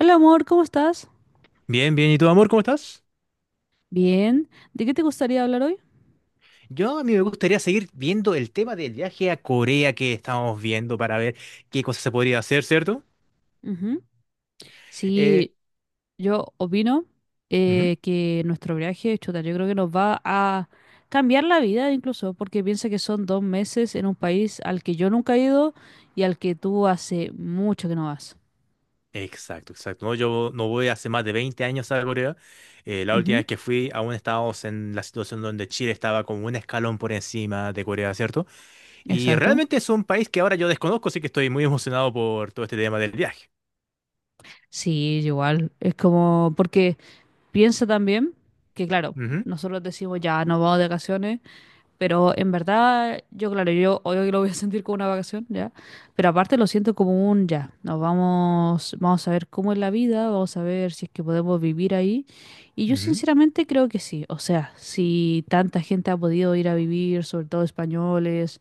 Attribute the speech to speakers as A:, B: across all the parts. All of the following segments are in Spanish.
A: Hola amor, ¿cómo estás?
B: Bien, bien. ¿Y tú, amor, cómo estás?
A: Bien. ¿De qué te gustaría hablar hoy?
B: Yo a mí me gustaría seguir viendo el tema del viaje a Corea que estamos viendo para ver qué cosas se podría hacer, ¿cierto?
A: Ujú.
B: Eh,
A: Sí, yo opino
B: Ujú.
A: que nuestro viaje, chuta, yo creo que nos va a cambiar la vida incluso, porque piensa que son 2 meses en un país al que yo nunca he ido y al que tú hace mucho que no vas.
B: Exacto, exacto. No, yo no voy hace más de 20 años a Corea. La última
A: Ujú.
B: vez que fui aún estábamos en la situación donde Chile estaba como un escalón por encima de Corea, ¿cierto? Y
A: Exacto.
B: realmente es un país que ahora yo desconozco, así que estoy muy emocionado por todo este tema del viaje.
A: Sí, igual. Es como, porque piensa también que, claro,
B: Ujú,
A: nosotros decimos ya nos vamos de vacaciones. Pero en verdad, yo claro, yo hoy lo voy a sentir como una vacación, ¿ya? Pero aparte lo siento como un ya. Nos vamos, vamos a ver cómo es la vida, vamos a ver si es que podemos vivir ahí. Y yo
B: ujú.
A: sinceramente creo que sí. O sea, si tanta gente ha podido ir a vivir, sobre todo españoles,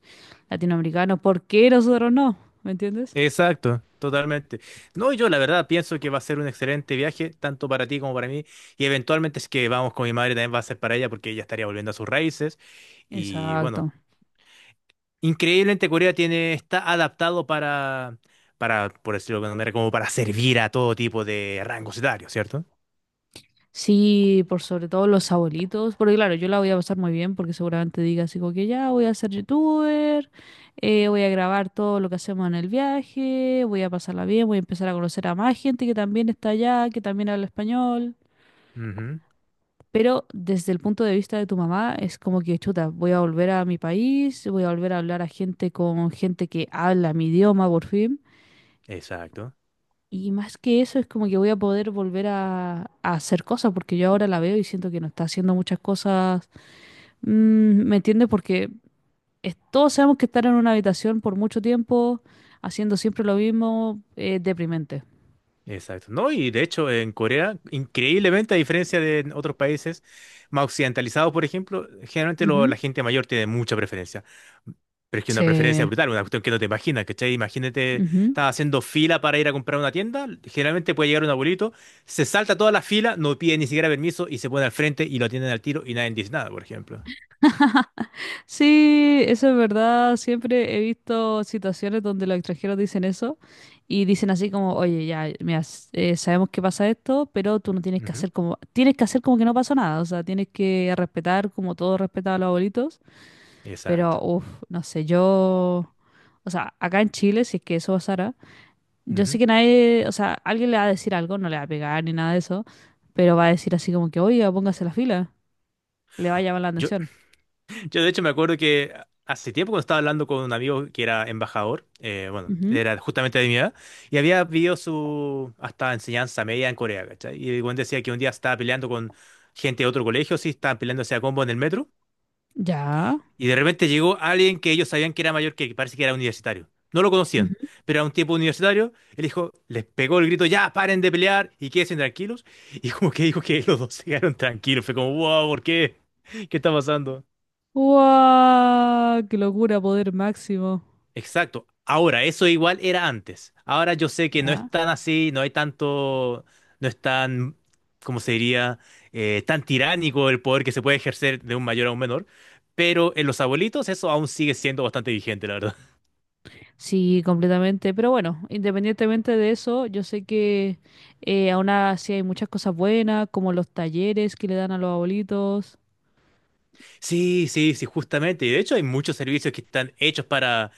A: latinoamericanos, ¿por qué nosotros no? ¿Me entiendes?
B: Exacto, totalmente. No, yo la verdad pienso que va a ser un excelente viaje, tanto para ti como para mí, y eventualmente si es que vamos con mi madre también va a ser para ella porque ella estaría volviendo a sus raíces. Y bueno,
A: Exacto.
B: increíblemente Corea tiene, está adaptado para, por decirlo de alguna manera, como para servir a todo tipo de rangos etarios, cierto.
A: Sí, por sobre todo los abuelitos, porque claro, yo la voy a pasar muy bien porque seguramente diga así como que ya voy a ser youtuber, voy a grabar todo lo que hacemos en el viaje, voy a pasarla bien, voy a empezar a conocer a más gente que también está allá, que también habla español.
B: Ujú,
A: Pero desde el punto de vista de tu mamá es como que chuta, voy a volver a mi país, voy a volver a hablar a gente con gente que habla mi idioma por fin.
B: exacto.
A: Y más que eso, es como que voy a poder volver a hacer cosas, porque yo ahora la veo y siento que no está haciendo muchas cosas. Mm, ¿me entiendes? Porque todos sabemos que estar en una habitación por mucho tiempo, haciendo siempre lo mismo, es deprimente.
B: Exacto, ¿no? Y de hecho, en Corea, increíblemente, a diferencia de otros países más occidentalizados, por ejemplo, generalmente
A: Ujú.
B: la gente mayor tiene mucha preferencia. Pero es que una preferencia
A: Sí.
B: brutal, una cuestión que no te imaginas, ¿cachai? Imagínate,
A: Ujú.
B: estás haciendo fila para ir a comprar una tienda, generalmente puede llegar un abuelito, se salta toda la fila, no pide ni siquiera permiso y se pone al frente y lo atienden al tiro y nadie dice nada, por ejemplo.
A: Sí, eso es verdad. Siempre he visto situaciones donde los extranjeros dicen eso y dicen así como, oye, ya, mira, sabemos que pasa esto, pero tú no tienes que
B: Ujú.
A: hacer como, tienes que hacer como que no pasó nada. O sea, tienes que respetar como todos respetaba a los abuelitos.
B: Exacto.
A: Pero, uff, no sé, yo, o sea, acá en Chile, si es que eso pasara. Yo sé
B: Ujú.
A: que nadie, o sea, alguien le va a decir algo, no le va a pegar ni nada de eso, pero va a decir así como que, oiga, póngase la fila, le va a llamar la
B: Yo,
A: atención.
B: Yo de hecho me acuerdo que hace tiempo cuando estaba hablando con un amigo que era embajador, bueno,
A: Ujú.
B: era justamente de mi edad, y había vivido su hasta enseñanza media en Corea, ¿cachai? Y el buen decía que un día estaba peleando con gente de otro colegio, sí, estaban peleándose a combo en el metro,
A: Ya.
B: y de repente llegó alguien que ellos sabían que era mayor que parece que era universitario. No lo conocían,
A: Ujú.
B: pero era un tipo universitario. Él dijo, les pegó el grito, ya, paren de pelear y quédense tranquilos. Y como que dijo que los dos se quedaron tranquilos. Fue como, wow, ¿por qué? ¿Qué está pasando?
A: ¡Guau! ¡Qué locura, poder máximo!
B: Exacto. Ahora, eso igual era antes. Ahora yo sé que no
A: Ya.
B: es tan así, no hay tanto, no es tan, ¿cómo se diría? Tan tiránico el poder que se puede ejercer de un mayor a un menor. Pero en los abuelitos eso aún sigue siendo bastante vigente, la verdad.
A: Sí, completamente. Pero bueno, independientemente de eso, yo sé que aún así hay muchas cosas buenas, como los talleres que le dan a los abuelitos.
B: Sí, sí, sí, justamente. Y de hecho hay muchos servicios que están hechos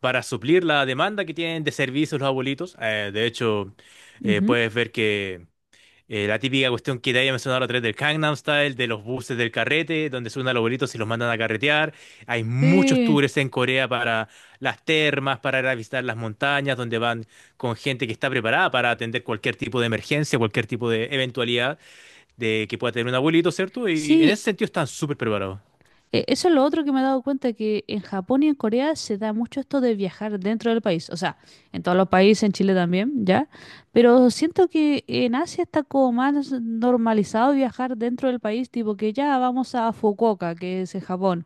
B: para suplir la demanda que tienen de servicios los abuelitos. De hecho,
A: Ujú.
B: puedes ver que la típica cuestión que te había mencionado la otra del Gangnam Style, de los buses del carrete, donde suben a los abuelitos y los mandan a carretear. Hay muchos
A: Sí,
B: tours en Corea para las termas, para ir a visitar las montañas, donde van con gente que está preparada para atender cualquier tipo de emergencia, cualquier tipo de eventualidad de que pueda tener un abuelito, ¿cierto? Y en ese
A: sí,
B: sentido están súper preparados.
A: Eso es lo otro que me he dado cuenta, que en Japón y en Corea se da mucho esto de viajar dentro del país, o sea, en todos los países, en Chile también, ¿ya? Pero siento que en Asia está como más normalizado viajar dentro del país, tipo que ya vamos a Fukuoka, que es en Japón,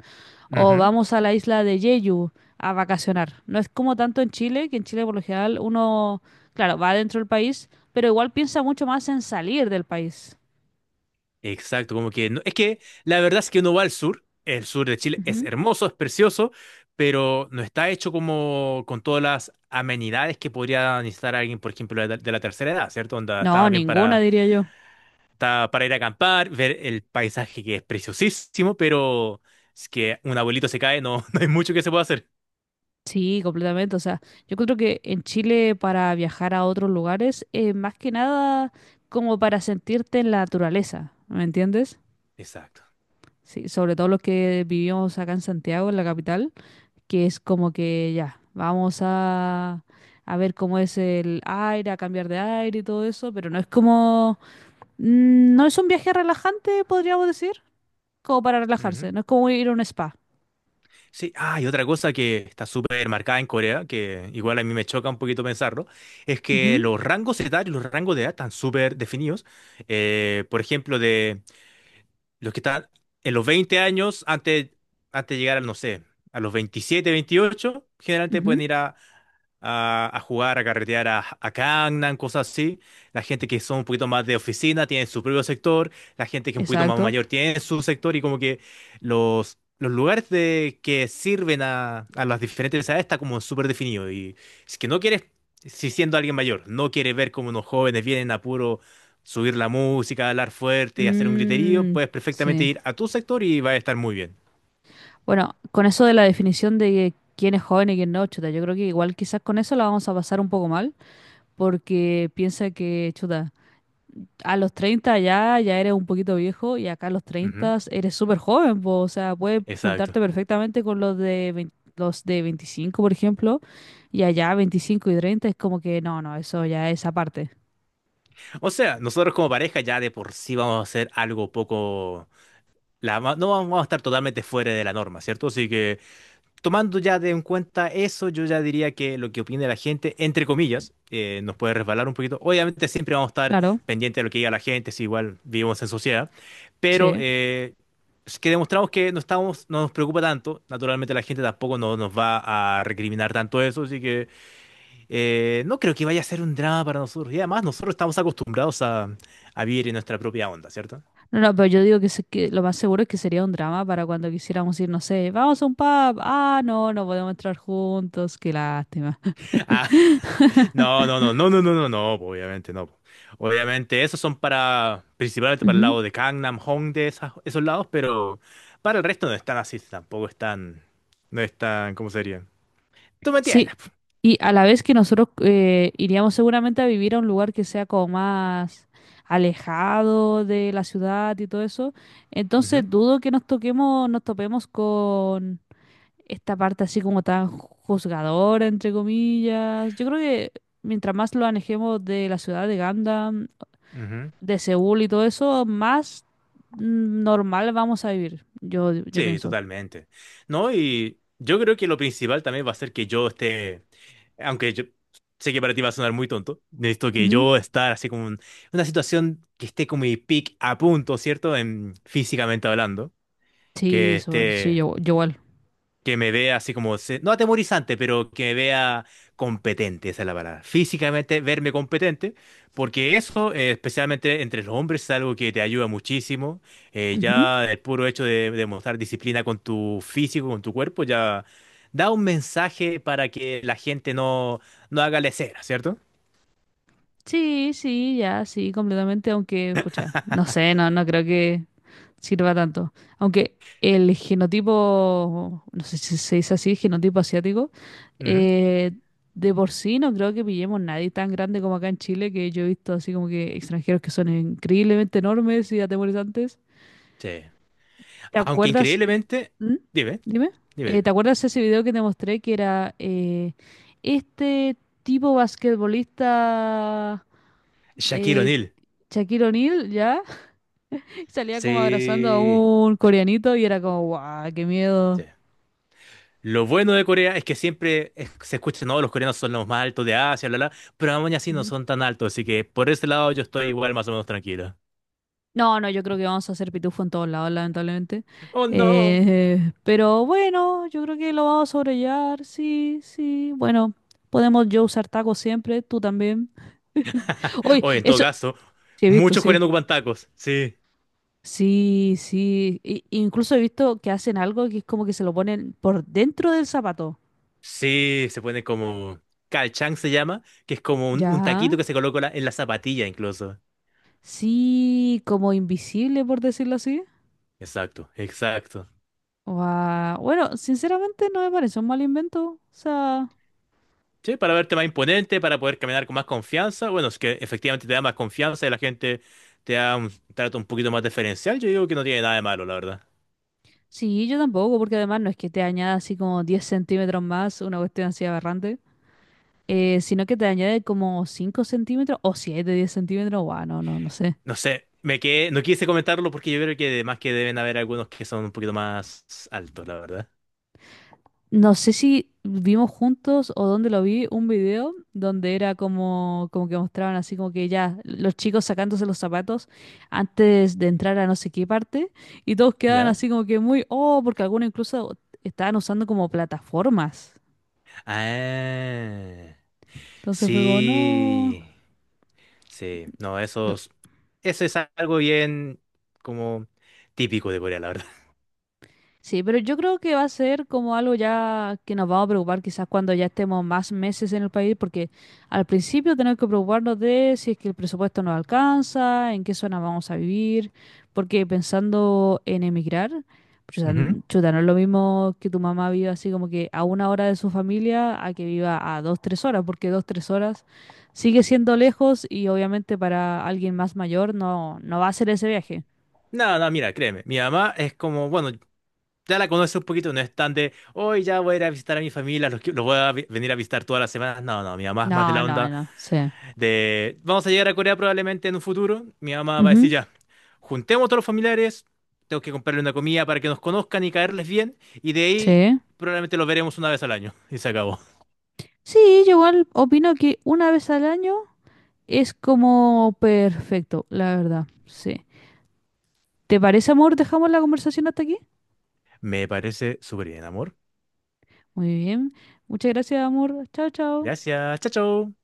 A: o
B: Ujú.
A: vamos a la isla de Jeju a vacacionar. No es como tanto en Chile, que en Chile por lo general uno, claro, va dentro del país, pero igual piensa mucho más en salir del país.
B: Exacto, como que es que la verdad es que uno va al sur, el sur de Chile es
A: Ujú.
B: hermoso, es precioso, pero no está hecho como con todas las amenidades que podría necesitar alguien, por ejemplo, de la tercera edad, ¿cierto? Onda, está
A: No,
B: más bien
A: ninguna, diría yo.
B: está para ir a acampar, ver el paisaje que es preciosísimo, pero es que un abuelito se cae, no, no hay mucho que se pueda hacer.
A: Sí, completamente. O sea, yo creo que en Chile para viajar a otros lugares es más que nada como para sentirte en la naturaleza, ¿me entiendes?
B: Exacto.
A: Sí, sobre todo los que vivimos acá en Santiago, en la capital, que es como que ya, vamos a ver cómo es el aire, a cambiar de aire y todo eso, pero no es como, no es un viaje relajante, podríamos decir, como para relajarse, no es como ir a un spa.
B: Sí, ah, y otra cosa que está súper marcada en Corea, que igual a mí me choca un poquito pensarlo, es que
A: Ujú,
B: los rangos etarios, los rangos de edad están súper definidos. Por ejemplo, de los que están en los 20 años, antes de llegar al, no sé, a los 27, 28 generalmente pueden
A: ujú,
B: ir a, a jugar, a carretear a, Gangnam, cosas así. La gente que son un poquito más de oficina tiene su propio sector, la gente que es un poquito más
A: exacto.
B: mayor tiene su sector y como que los lugares que sirven a las diferentes edades está como súper definido. Y si es que no quieres, si siendo alguien mayor, no quiere ver como unos jóvenes vienen a puro subir la música, hablar fuerte, hacer un griterío,
A: Mm,
B: puedes perfectamente
A: sí.
B: ir a tu sector y va a estar muy bien.
A: Bueno, con eso de la definición de quién es joven y quién no, chuta, yo creo que igual quizás con eso la vamos a pasar un poco mal, porque piensa que, chuta, a los 30 ya, ya eres un poquito viejo y acá a los
B: Ujú.
A: 30 eres súper joven, po, o sea, puedes
B: Exacto.
A: juntarte perfectamente con los de 20 los de 25, por ejemplo, y allá 25 y 30 es como que no, no, eso ya es aparte.
B: O sea, nosotros como pareja ya de por sí vamos a hacer algo poco... la no vamos a estar totalmente fuera de la norma, ¿cierto? Así que... tomando ya de en cuenta eso, yo ya diría que lo que opine la gente, entre comillas, nos puede resbalar un poquito. Obviamente siempre vamos a estar
A: Claro,
B: pendientes de lo que diga la gente, si igual vivimos en sociedad, pero
A: sí.
B: es que demostramos que no estamos, no nos preocupa tanto. Naturalmente la gente tampoco nos va a recriminar tanto eso, así que no creo que vaya a ser un drama para nosotros. Y además nosotros estamos acostumbrados a vivir en nuestra propia onda, ¿cierto?
A: No, no, pero yo digo que, que lo más seguro es que sería un drama para cuando quisiéramos ir, no sé, vamos a un pub, ah, no, no podemos entrar juntos, qué lástima.
B: No, no, no, no, no, no, no, no, po, obviamente no. Po. Obviamente esos son para, principalmente para el
A: Ujú.
B: lado de Gangnam, Hongdae, esos lados, pero para el resto no están así, tampoco están, no están, ¿cómo sería? Tú me entiendes.
A: Sí,
B: Po.
A: y a la vez que nosotros iríamos seguramente a vivir a un lugar que sea como más alejado de la ciudad y todo eso, entonces
B: Ujú,
A: dudo que nos toquemos, nos topemos con esta parte así como tan juzgadora, entre comillas. Yo creo que mientras más lo alejemos de la ciudad de Gandam,
B: ujú.
A: de Seúl y todo eso, más normal vamos a vivir, yo
B: Sí,
A: pienso.
B: totalmente. No, y yo creo que lo principal también va a ser que yo esté, aunque yo sé que para ti va a sonar muy tonto, necesito que
A: Ujú.
B: yo estar así como en una situación que esté con mi pick a punto, ¿cierto? En, físicamente hablando que
A: Sí, Joel, sí,
B: esté
A: yo, Joel.
B: que me vea así como, no atemorizante, pero que me vea competente, esa es la palabra. Físicamente verme competente, porque eso, especialmente entre los hombres, es algo que te ayuda muchísimo.
A: Ujú.
B: Ya el puro hecho de mostrar disciplina con tu físico, con tu cuerpo, ya da un mensaje para que la gente no haga lesera, ¿cierto?
A: Sí, sí, ya, sí, completamente, aunque, pucha, no sé, no, no creo que sirva tanto. Aunque el genotipo, no sé si se dice así, genotipo asiático,
B: Ujú.
A: eh, de por sí no creo que pillemos nadie tan grande como acá en Chile, que yo he visto así como que extranjeros que son increíblemente enormes y atemorizantes.
B: Sí.
A: ¿Te
B: Aunque
A: acuerdas?
B: increíblemente,
A: ¿Mm?
B: dime,
A: Dime.
B: dime, dime.
A: ¿Te acuerdas ese video que te mostré que era este tipo basquetbolista
B: Shaquille
A: eh,
B: O'Neal.
A: Shaquille O'Neal? ¿Ya? Salía como abrazando a
B: Sí.
A: un coreanito y era como, guau, qué
B: Sí.
A: miedo.
B: Lo bueno de Corea es que siempre se escucha, no, los coreanos son los más altos de Asia, bla, bla, pero aún así no
A: Ujú.
B: son tan altos, así que por ese lado yo estoy igual más o menos tranquilo.
A: No, no, yo creo que vamos a hacer pitufo en todos lados, lamentablemente.
B: Oh, no.
A: Pero bueno, yo creo que lo vamos a sobrellevar, sí, sí. Bueno, podemos yo usar tacos siempre, tú también. Uy,
B: O en todo
A: eso,
B: caso,
A: sí he visto,
B: muchos
A: sí.
B: coreanos ocupan tacos. Sí.
A: Sí, sí. Incluso he visto que hacen algo que es como que se lo ponen por dentro del zapato.
B: Sí, se ponen como... Kalchang se llama, que es como un,
A: Ya.
B: taquito que se coloca en la zapatilla incluso.
A: Sí, como invisible, por decirlo así.
B: Exacto, exacto.
A: Guau. Bueno, sinceramente no me parece un mal invento. O sea,
B: Sí, para verte más imponente, para poder caminar con más confianza. Bueno, es que efectivamente te da más confianza y la gente te da un trato un poquito más diferencial. Yo digo que no tiene nada de malo, la verdad.
A: sí, yo tampoco, porque además no es que te añada así como 10 centímetros más, una cuestión así aberrante, sino que te añade como 5 centímetros o 7, 10 centímetros. Guau, no, no, no sé.
B: No sé, me quedé, no quise comentarlo porque yo creo que además que deben haber algunos que son un poquito más altos, la verdad.
A: No sé si vimos juntos o dónde lo vi, un video donde era como, como que mostraban así como que ya los chicos sacándose los zapatos antes de entrar a no sé qué parte y todos quedaban
B: ¿Ya?
A: así como que muy, oh, porque algunos incluso estaban usando como plataformas.
B: Ah,
A: Entonces fue como,
B: sí,
A: no.
B: sí, no,
A: No.
B: eso es algo bien como típico de Corea, la verdad.
A: Sí, pero yo creo que va a ser como algo ya que nos vamos a preocupar quizás cuando ya estemos más meses en el país, porque al principio tenemos que preocuparnos de si es que el presupuesto nos alcanza, en qué zona vamos a vivir, porque pensando en emigrar, chuta,
B: Ujú.
A: chuta, no es lo mismo que tu mamá viva así como que a una hora de su familia a que viva a 2, 3 horas, porque 2, 3 horas sigue siendo lejos y obviamente para alguien más mayor no, no va a ser ese viaje.
B: No, no, mira, créeme, mi mamá es como, bueno, ya la conoce un poquito, no es tan de, hoy ya voy a ir a visitar a mi familia, los voy a venir a visitar todas las semanas. No, no, mi mamá es más de
A: No,
B: la
A: no,
B: onda.
A: no, sí.
B: De, vamos a llegar a Corea probablemente en un futuro. Mi mamá va a decir
A: Ujú.
B: ya, juntemos a todos los familiares, tengo que comprarle una comida para que nos conozcan y caerles bien, y de ahí
A: Sí.
B: probablemente los veremos una vez al año. Y se acabó.
A: Sí, yo igual opino que una vez al año es como perfecto, la verdad. Sí. ¿Te parece, amor? ¿Dejamos la conversación hasta aquí?
B: Me parece súper bien, amor.
A: Muy bien. Muchas gracias, amor. Chao, chao.
B: Gracias. Chao, chao.